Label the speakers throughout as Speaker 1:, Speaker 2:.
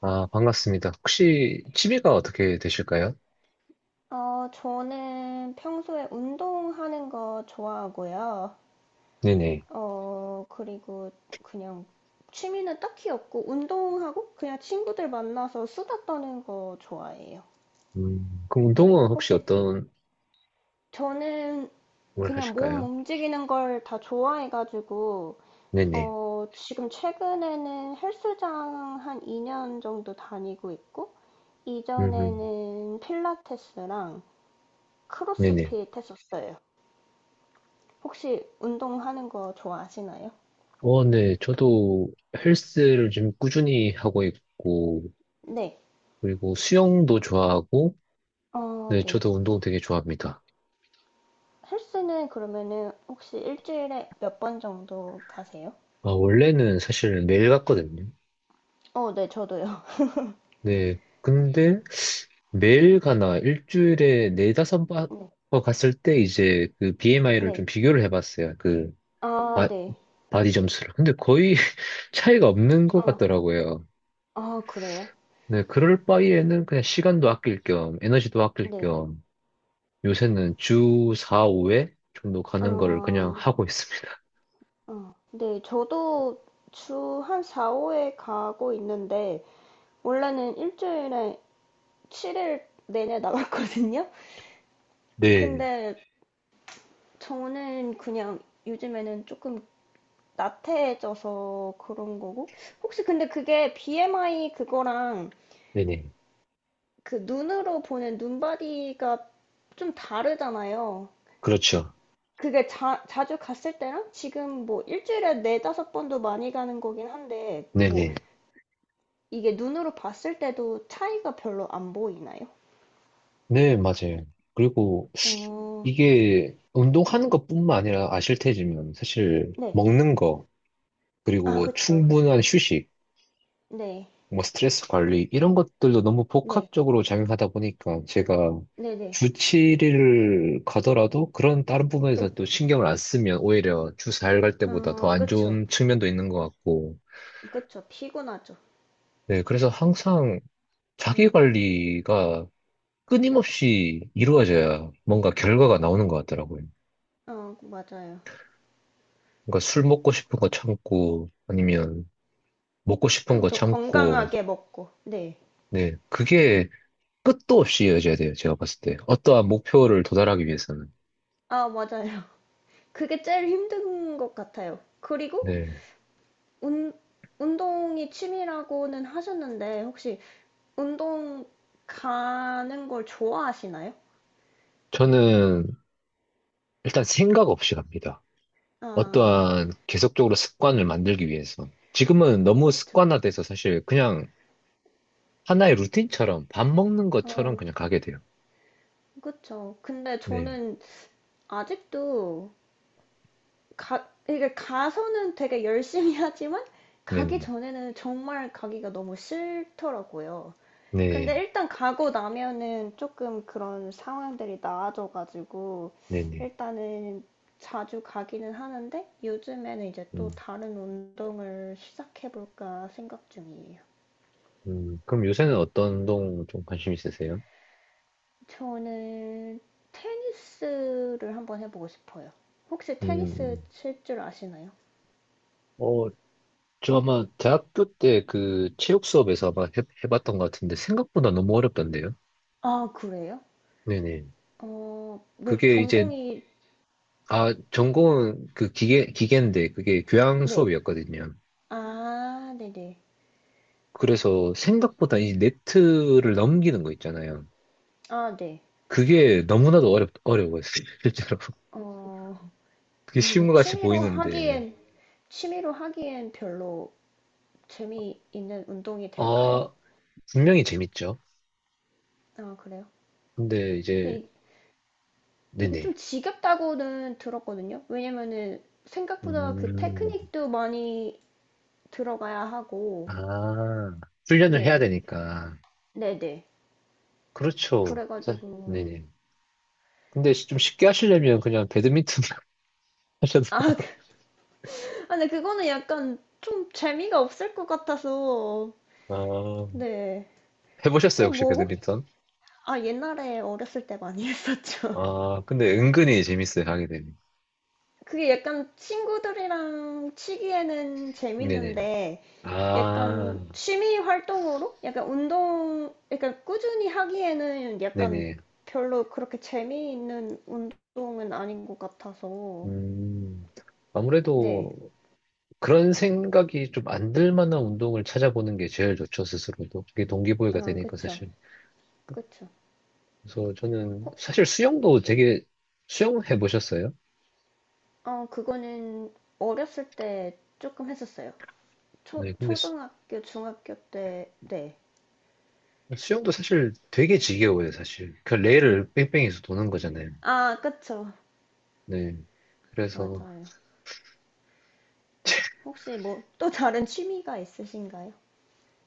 Speaker 1: 아, 반갑습니다. 혹시 취미가 어떻게 되실까요?
Speaker 2: 저는 평소에 운동하는 거 좋아하고요.
Speaker 1: 네네.
Speaker 2: 어, 그리고 그냥 취미는 딱히 없고, 운동하고 그냥 친구들 만나서 수다 떠는 거 좋아해요.
Speaker 1: 그럼
Speaker 2: 네.
Speaker 1: 운동은 혹시
Speaker 2: 혹시
Speaker 1: 어떤
Speaker 2: 저는
Speaker 1: 걸
Speaker 2: 그냥 몸
Speaker 1: 하실까요?
Speaker 2: 움직이는 걸 다 좋아해가지고,
Speaker 1: 네네.
Speaker 2: 지금 최근에는 헬스장 한 2년 정도 다니고 있고,
Speaker 1: 음,
Speaker 2: 이전에는 필라테스랑
Speaker 1: 네네.
Speaker 2: 크로스핏 했었어요. 혹시 운동하는 거 좋아하시나요?
Speaker 1: 어, 네. 저도 헬스를 지금 꾸준히 하고 있고,
Speaker 2: 네.
Speaker 1: 그리고 수영도 좋아하고,
Speaker 2: 어,
Speaker 1: 네,
Speaker 2: 네.
Speaker 1: 저도 운동 되게 좋아합니다.
Speaker 2: 헬스는 그러면은 혹시 일주일에 몇 번 정도 가세요?
Speaker 1: 아, 원래는 사실 매일 갔거든요.
Speaker 2: 네, 저도요.
Speaker 1: 네. 근데 매일 가나 일주일에 네다섯 번
Speaker 2: 네.
Speaker 1: 갔을 때 이제 그 BMI를
Speaker 2: 네.
Speaker 1: 좀 비교를 해봤어요. 그
Speaker 2: 아,
Speaker 1: 바,
Speaker 2: 네.
Speaker 1: 바디 점수를. 근데 거의 차이가 없는 것
Speaker 2: 아,
Speaker 1: 같더라고요.
Speaker 2: 아, 그래요?
Speaker 1: 네, 그럴 바에는 그냥 시간도 아낄 겸, 에너지도 아낄
Speaker 2: 네.
Speaker 1: 겸, 요새는 주 4, 5회 정도 가는 거를 그냥
Speaker 2: 아,
Speaker 1: 하고 있습니다.
Speaker 2: 아, 네. 저도 주 한 4, 5회 가고 있는데, 원래는 일주일에 7일 내내 나갔거든요?
Speaker 1: 네,
Speaker 2: 근데 저는 그냥 요즘에는 조금 나태해져서 그런 거고. 혹시 근데 그게 BMI 그거랑
Speaker 1: 네네.
Speaker 2: 그 눈으로 보는 눈바디가 좀 다르잖아요.
Speaker 1: 그렇죠.
Speaker 2: 그게 자주 갔을 때랑 지금 뭐 일주일에 네다섯 번도 많이 가는 거긴 한데, 뭐
Speaker 1: 네네.
Speaker 2: 이게 눈으로 봤을 때도 차이가 별로 안 보이나요?
Speaker 1: 네, 맞아요. 그리고
Speaker 2: 어,
Speaker 1: 이게 운동하는 것뿐만 아니라 아실 테지만 사실
Speaker 2: 네.
Speaker 1: 먹는 거,
Speaker 2: 아,
Speaker 1: 그리고
Speaker 2: 그쵸.
Speaker 1: 충분한 휴식,
Speaker 2: 네.
Speaker 1: 뭐 스트레스 관리 이런 것들도 너무
Speaker 2: 네.
Speaker 1: 복합적으로 작용하다 보니까 제가
Speaker 2: 네네.
Speaker 1: 주 7일을 가더라도 그런 다른 부분에서
Speaker 2: 또,
Speaker 1: 또 신경을 안 쓰면 오히려 주 4일 갈 때보다 더
Speaker 2: 어,
Speaker 1: 안
Speaker 2: 그쵸.
Speaker 1: 좋은 측면도 있는 것 같고
Speaker 2: 그쵸. 피곤하죠.
Speaker 1: 네 그래서 항상 자기
Speaker 2: 네.
Speaker 1: 관리가 끊임없이 이루어져야 뭔가 결과가 나오는
Speaker 2: 네.
Speaker 1: 것 같더라고요.
Speaker 2: 어, 맞아요.
Speaker 1: 그러니까 술 먹고 싶은 거 참고 아니면 먹고 싶은
Speaker 2: 좀
Speaker 1: 거
Speaker 2: 더
Speaker 1: 참고
Speaker 2: 건강하게 먹고. 네.
Speaker 1: 네 그게 끝도 없이 이어져야 돼요. 제가 봤을 때 어떠한 목표를 도달하기 위해서는.
Speaker 2: 아, 맞아요. 그게 제일 힘든 것 같아요. 그리고
Speaker 1: 네.
Speaker 2: 운, 운동이 취미라고는 하셨는데, 혹시 운동 가는 걸 좋아하시나요?
Speaker 1: 저는 일단 생각 없이 갑니다.
Speaker 2: 아,
Speaker 1: 어떠한 계속적으로 습관을 만들기 위해서. 지금은
Speaker 2: 어,
Speaker 1: 너무
Speaker 2: 그쵸.
Speaker 1: 습관화돼서 사실 그냥 하나의 루틴처럼 밥 먹는 것처럼
Speaker 2: 어,
Speaker 1: 그냥 가게 돼요.
Speaker 2: 그쵸. 근데
Speaker 1: 네.
Speaker 2: 저는 아직도 이게 가서는 되게 열심히 하지만, 가기
Speaker 1: 네네.
Speaker 2: 전에는 정말 가기가 너무 싫더라고요. 근데
Speaker 1: 네.
Speaker 2: 일단 가고 나면은 조금 그런 상황들이 나아져가지고
Speaker 1: 네네.
Speaker 2: 일단은 자주 가기는 하는데 요즘에는 이제 또
Speaker 1: 음,
Speaker 2: 다른 운동을 시작해볼까 생각 중이에요.
Speaker 1: 그럼 요새는 어떤 운동 좀 관심 있으세요?
Speaker 2: 저는 테니스를 한번 해보고 싶어요. 혹시 테니스
Speaker 1: 음.
Speaker 2: 칠 줄 아시나요?
Speaker 1: 어, 저 아마 대학교 때 그 체육 수업에서 아마 해봤던 것 같은데 생각보다 너무 어렵던데요?
Speaker 2: 아, 그래요?
Speaker 1: 네네.
Speaker 2: 어, 뭐
Speaker 1: 그게 이제
Speaker 2: 전공이
Speaker 1: 아, 전공은 그 기계인데 그게 교양
Speaker 2: 네.
Speaker 1: 수업이었거든요.
Speaker 2: 아, 네네.
Speaker 1: 그래서 생각보다 이 네트를 넘기는 거 있잖아요.
Speaker 2: 아, 네.
Speaker 1: 그게 너무나도 어려워했어요, 실제로.
Speaker 2: 어,
Speaker 1: 그게 쉬운
Speaker 2: 그래서
Speaker 1: 것 같이
Speaker 2: 취미로
Speaker 1: 보이는데.
Speaker 2: 하기엔, 취미로 하기엔 별로 재미있는 운동이 될까요?
Speaker 1: 아, 분명히 재밌죠.
Speaker 2: 아, 그래요?
Speaker 1: 근데 이제,
Speaker 2: 근데 게
Speaker 1: 네네.
Speaker 2: 좀 지겹다고는 들었거든요. 왜냐면은 생각보다 그
Speaker 1: 음,
Speaker 2: 테크닉도 많이 들어가야 하고,
Speaker 1: 아, 훈련을 해야
Speaker 2: 네,
Speaker 1: 되니까.
Speaker 2: 네네.
Speaker 1: 그렇죠. 자,
Speaker 2: 그래가지고,
Speaker 1: 네네. 근데 좀 쉽게 하시려면 그냥 배드민턴 하셔도.
Speaker 2: 아, 아, 근데 그거는 약간 좀 재미가 없을 것 같아서,
Speaker 1: 아,
Speaker 2: 네.
Speaker 1: 해보셨어요,
Speaker 2: 또
Speaker 1: 혹시
Speaker 2: 뭐,
Speaker 1: 배드민턴?
Speaker 2: 아, 옛날에 어렸을 때 많이 했었죠.
Speaker 1: 아, 근데 은근히 재밌어요, 하게 되면.
Speaker 2: 그게 약간 친구들이랑 치기에는
Speaker 1: 네네.
Speaker 2: 재밌는데
Speaker 1: 아,
Speaker 2: 약간 취미 활동으로 약간 운동 약간 꾸준히 하기에는 약간
Speaker 1: 네네.
Speaker 2: 별로 그렇게 재미있는 운동은 아닌 것 같아서
Speaker 1: 음,
Speaker 2: 네.
Speaker 1: 아무래도 그런 생각이 좀 안들 만한 운동을 찾아보는 게 제일 좋죠, 스스로도. 그게 동기부여가
Speaker 2: 아,
Speaker 1: 되니까,
Speaker 2: 그쵸.
Speaker 1: 사실.
Speaker 2: 그쵸.
Speaker 1: 그래서 저는, 사실 수영도 되게, 수영 해보셨어요?
Speaker 2: 어, 그거는 어렸을 때 조금 했었어요.
Speaker 1: 네, 근데 수,
Speaker 2: 초등학교, 중학교 때, 네.
Speaker 1: 영도 사실 되게 지겨워요, 사실. 그 레일을 뺑뺑이에서 도는 거잖아요.
Speaker 2: 아, 그쵸.
Speaker 1: 네. 그래서,
Speaker 2: 맞아요. 혹시 뭐 또 다른 취미가 있으신가요?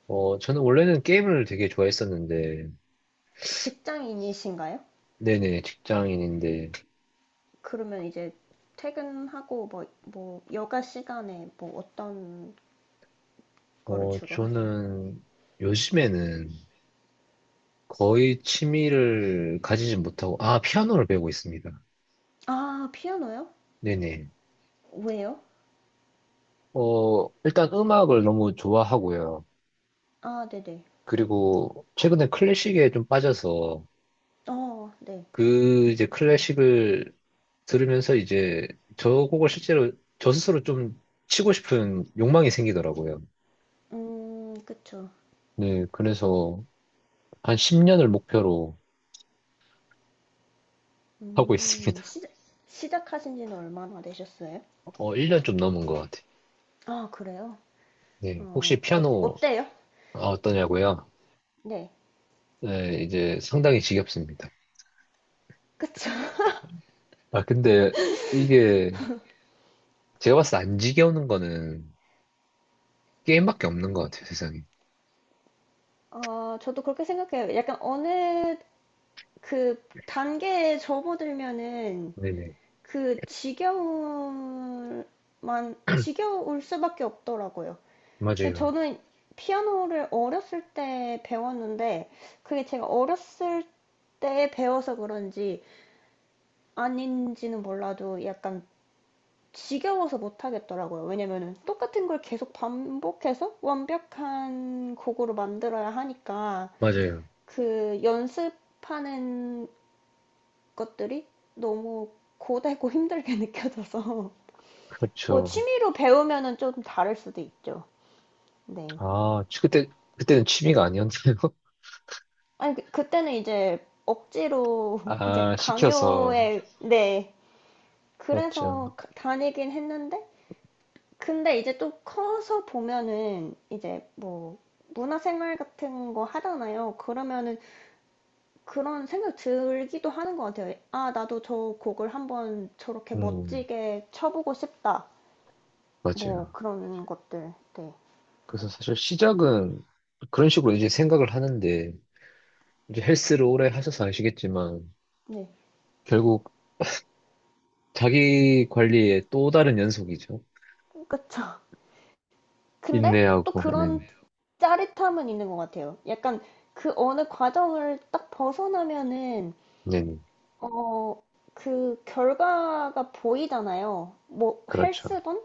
Speaker 1: 어, 저는 원래는 게임을 되게 좋아했었는데,
Speaker 2: 직장인이신가요?
Speaker 1: 네네, 직장인인데,
Speaker 2: 그러면 이제 퇴근하고 뭐, 여가 시간에 뭐 어떤 거를
Speaker 1: 어,
Speaker 2: 주로 하세요?
Speaker 1: 저는 요즘에는 거의 취미를 가지지 못하고, 아, 피아노를 배우고 있습니다.
Speaker 2: 아, 피아노요?
Speaker 1: 네네.
Speaker 2: 왜요?
Speaker 1: 어, 일단 음악을 너무 좋아하고요.
Speaker 2: 아, 네네.
Speaker 1: 그리고 최근에 클래식에 좀 빠져서
Speaker 2: 어, 네.
Speaker 1: 그 이제 클래식을 들으면서 이제 저 곡을 실제로 저 스스로 좀 치고 싶은 욕망이 생기더라고요.
Speaker 2: 그쵸.
Speaker 1: 네, 그래서 한 10년을 목표로 하고
Speaker 2: 음,
Speaker 1: 있습니다.
Speaker 2: 시작, 시작하신 지는 얼마나 되셨어요?
Speaker 1: 어, 1년 좀 넘은 것 같아요.
Speaker 2: 아, 그래요?
Speaker 1: 네, 혹시
Speaker 2: 어,
Speaker 1: 피아노
Speaker 2: 어때요?
Speaker 1: 어떠냐고요?
Speaker 2: 네.
Speaker 1: 네, 이제 상당히 지겹습니다.
Speaker 2: 그쵸.
Speaker 1: 아, 근데 이게 제가 봤을 때 안 지겨우는 거는 게임밖에 없는 것 같아요, 세상에.
Speaker 2: 저도 그렇게 생각해요. 약간 어느 그 단계에 접어들면은
Speaker 1: 네네.
Speaker 2: 그 지겨울 수밖에 없더라고요. 근데
Speaker 1: 맞아요.
Speaker 2: 저는 피아노를 어렸을 때 배웠는데 그게 제가 어렸을 때 배워서 그런지 아닌지는 몰라도 약간 지겨워서 못 하겠더라고요. 왜냐면은 똑같은 걸 계속 반복해서 완벽한 곡으로 만들어야 하니까
Speaker 1: 맞아요.
Speaker 2: 그 연습하는 것들이 너무 고되고 힘들게 느껴져서 뭐
Speaker 1: 그렇죠.
Speaker 2: 취미로 배우면은 좀 다를 수도 있죠. 네.
Speaker 1: 아, 그때는 취미가 아니었나요?
Speaker 2: 아니, 그때는 이제 억지로 이제
Speaker 1: 아, 시켜서.
Speaker 2: 강요에, 네.
Speaker 1: 맞죠.
Speaker 2: 그래서 다니긴 했는데, 근데 이제 또 커서 보면은 이제 뭐 문화생활 같은 거 하잖아요. 그러면은 그런 생각 들기도 하는 것 같아요. 아, 나도 저 곡을 한번 저렇게
Speaker 1: 음,
Speaker 2: 멋지게 쳐보고 싶다. 뭐
Speaker 1: 맞아요.
Speaker 2: 그런 것들. 네.
Speaker 1: 그래서 사실 시작은 그런 식으로 이제 생각을 하는데, 이제 헬스를 오래 하셔서 아시겠지만,
Speaker 2: 네.
Speaker 1: 결국 자기 관리의 또 다른 연속이죠.
Speaker 2: 그쵸. 근데 또
Speaker 1: 인내하고, 네,
Speaker 2: 그런 짜릿함은 있는 것 같아요. 약간 그 어느 과정을 딱 벗어나면은,
Speaker 1: 네, 네.
Speaker 2: 어, 그 결과가 보이잖아요. 뭐
Speaker 1: 그렇죠.
Speaker 2: 헬스든,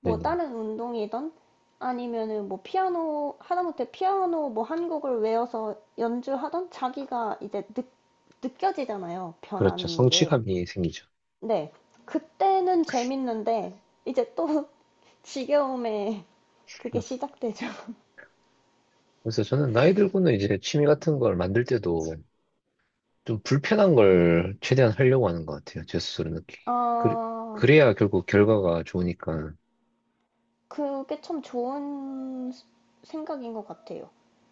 Speaker 2: 뭐
Speaker 1: 네네.
Speaker 2: 다른 운동이든, 아니면은 뭐 피아노, 하다못해 피아노 뭐 한 곡을 외워서 연주하던 자기가 이제 느껴지잖아요.
Speaker 1: 그렇죠.
Speaker 2: 변한 게.
Speaker 1: 성취감이 생기죠.
Speaker 2: 네. 그때는 재밌는데, 이제 또 지겨움에 그게
Speaker 1: 음.
Speaker 2: 시작되죠.
Speaker 1: 그래서 저는 나이 들고는 이제 취미 같은 걸 만들 때도 좀 불편한 걸 최대한 하려고 하는 것 같아요. 제 스스로 느끼기. 그래,
Speaker 2: 어,
Speaker 1: 그래야 결국 결과가 좋으니까.
Speaker 2: 그게 참 좋은 생각인 것 같아요.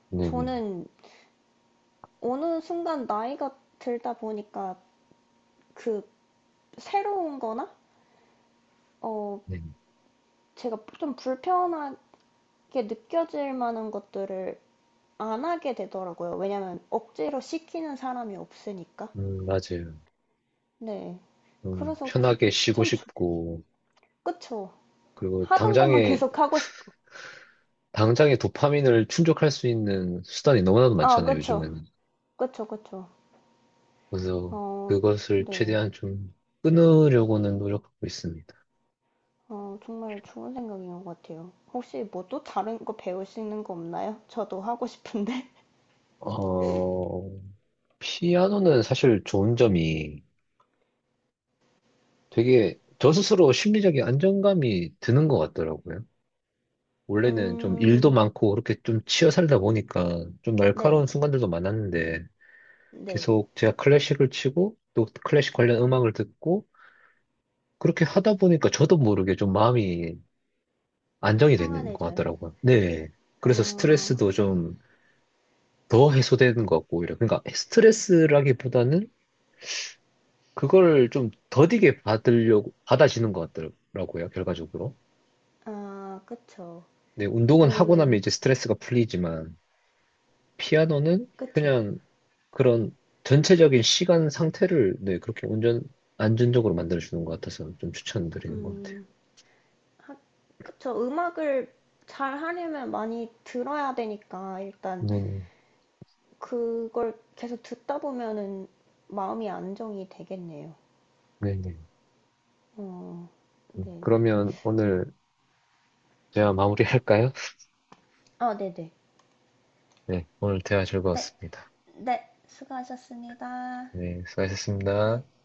Speaker 1: 네네.
Speaker 2: 저는 어느 순간 나이가 들다 보니까 그 새로운 거나, 어,
Speaker 1: 네네.
Speaker 2: 제가 좀 불편하게 느껴질 만한 것들을 안 하게 되더라고요. 왜냐면 억지로 시키는 사람이 없으니까.
Speaker 1: 맞아요.
Speaker 2: 네.
Speaker 1: 좀
Speaker 2: 그래서
Speaker 1: 편하게
Speaker 2: 그게
Speaker 1: 쉬고 싶고,
Speaker 2: 그쵸.
Speaker 1: 그리고
Speaker 2: 하던 것만
Speaker 1: 당장에, 당장에 도파민을 충족할 수 있는 수단이 너무나도
Speaker 2: 아,
Speaker 1: 많잖아요,
Speaker 2: 그쵸.
Speaker 1: 요즘은.
Speaker 2: 그쵸, 그쵸.
Speaker 1: 그래서
Speaker 2: 어,
Speaker 1: 그것을
Speaker 2: 네.
Speaker 1: 최대한 좀 끊으려고는 노력하고 있습니다.
Speaker 2: 어, 정말 좋은 생각인 것 같아요. 혹시 뭐 또 다른 거 배울 수 있는 거 없나요? 저도 하고 싶은데.
Speaker 1: 어, 피아노는 사실 좋은 점이 되게 저 스스로 심리적인 안정감이 드는 것 같더라고요. 원래는 좀 일도
Speaker 2: 음,
Speaker 1: 많고 그렇게 좀 치여 살다 보니까 좀 날카로운
Speaker 2: 네,
Speaker 1: 순간들도 많았는데
Speaker 2: 네.
Speaker 1: 계속 제가 클래식을 치고 또 클래식 관련 음악을 듣고 그렇게 하다 보니까 저도 모르게 좀 마음이 안정이 되는 것
Speaker 2: 평안해져요.
Speaker 1: 같더라고요. 네. 그래서
Speaker 2: 어,
Speaker 1: 스트레스도 좀 더 해소되는 것 같고 오히려 그러니까 스트레스라기보다는 그걸 좀 더디게 받으려고, 받아지는 것 같더라고요, 결과적으로.
Speaker 2: 아, 그쵸.
Speaker 1: 네 운동은 하고 나면
Speaker 2: 왜냐면,
Speaker 1: 이제 스트레스가 풀리지만, 피아노는
Speaker 2: 그쵸.
Speaker 1: 그냥 그런 전체적인 시간 상태를, 네, 그렇게 온전, 안전적으로 만들어주는 것 같아서 좀 추천드리는 것 같아요.
Speaker 2: 음, 하, 그쵸. 음악을 잘 하려면 많이 들어야 되니까, 일단,
Speaker 1: 네,
Speaker 2: 그걸 계속 듣다 보면은 마음이 안정이 되겠네요.
Speaker 1: 네, 네.
Speaker 2: 어, 네.
Speaker 1: 그러면 오늘 대화 마무리할까요?
Speaker 2: 아, 네네. 네,
Speaker 1: 네, 오늘 대화
Speaker 2: 네.
Speaker 1: 즐거웠습니다.
Speaker 2: 네. 수고하셨습니다.
Speaker 1: 네, 수고하셨습니다.
Speaker 2: 네.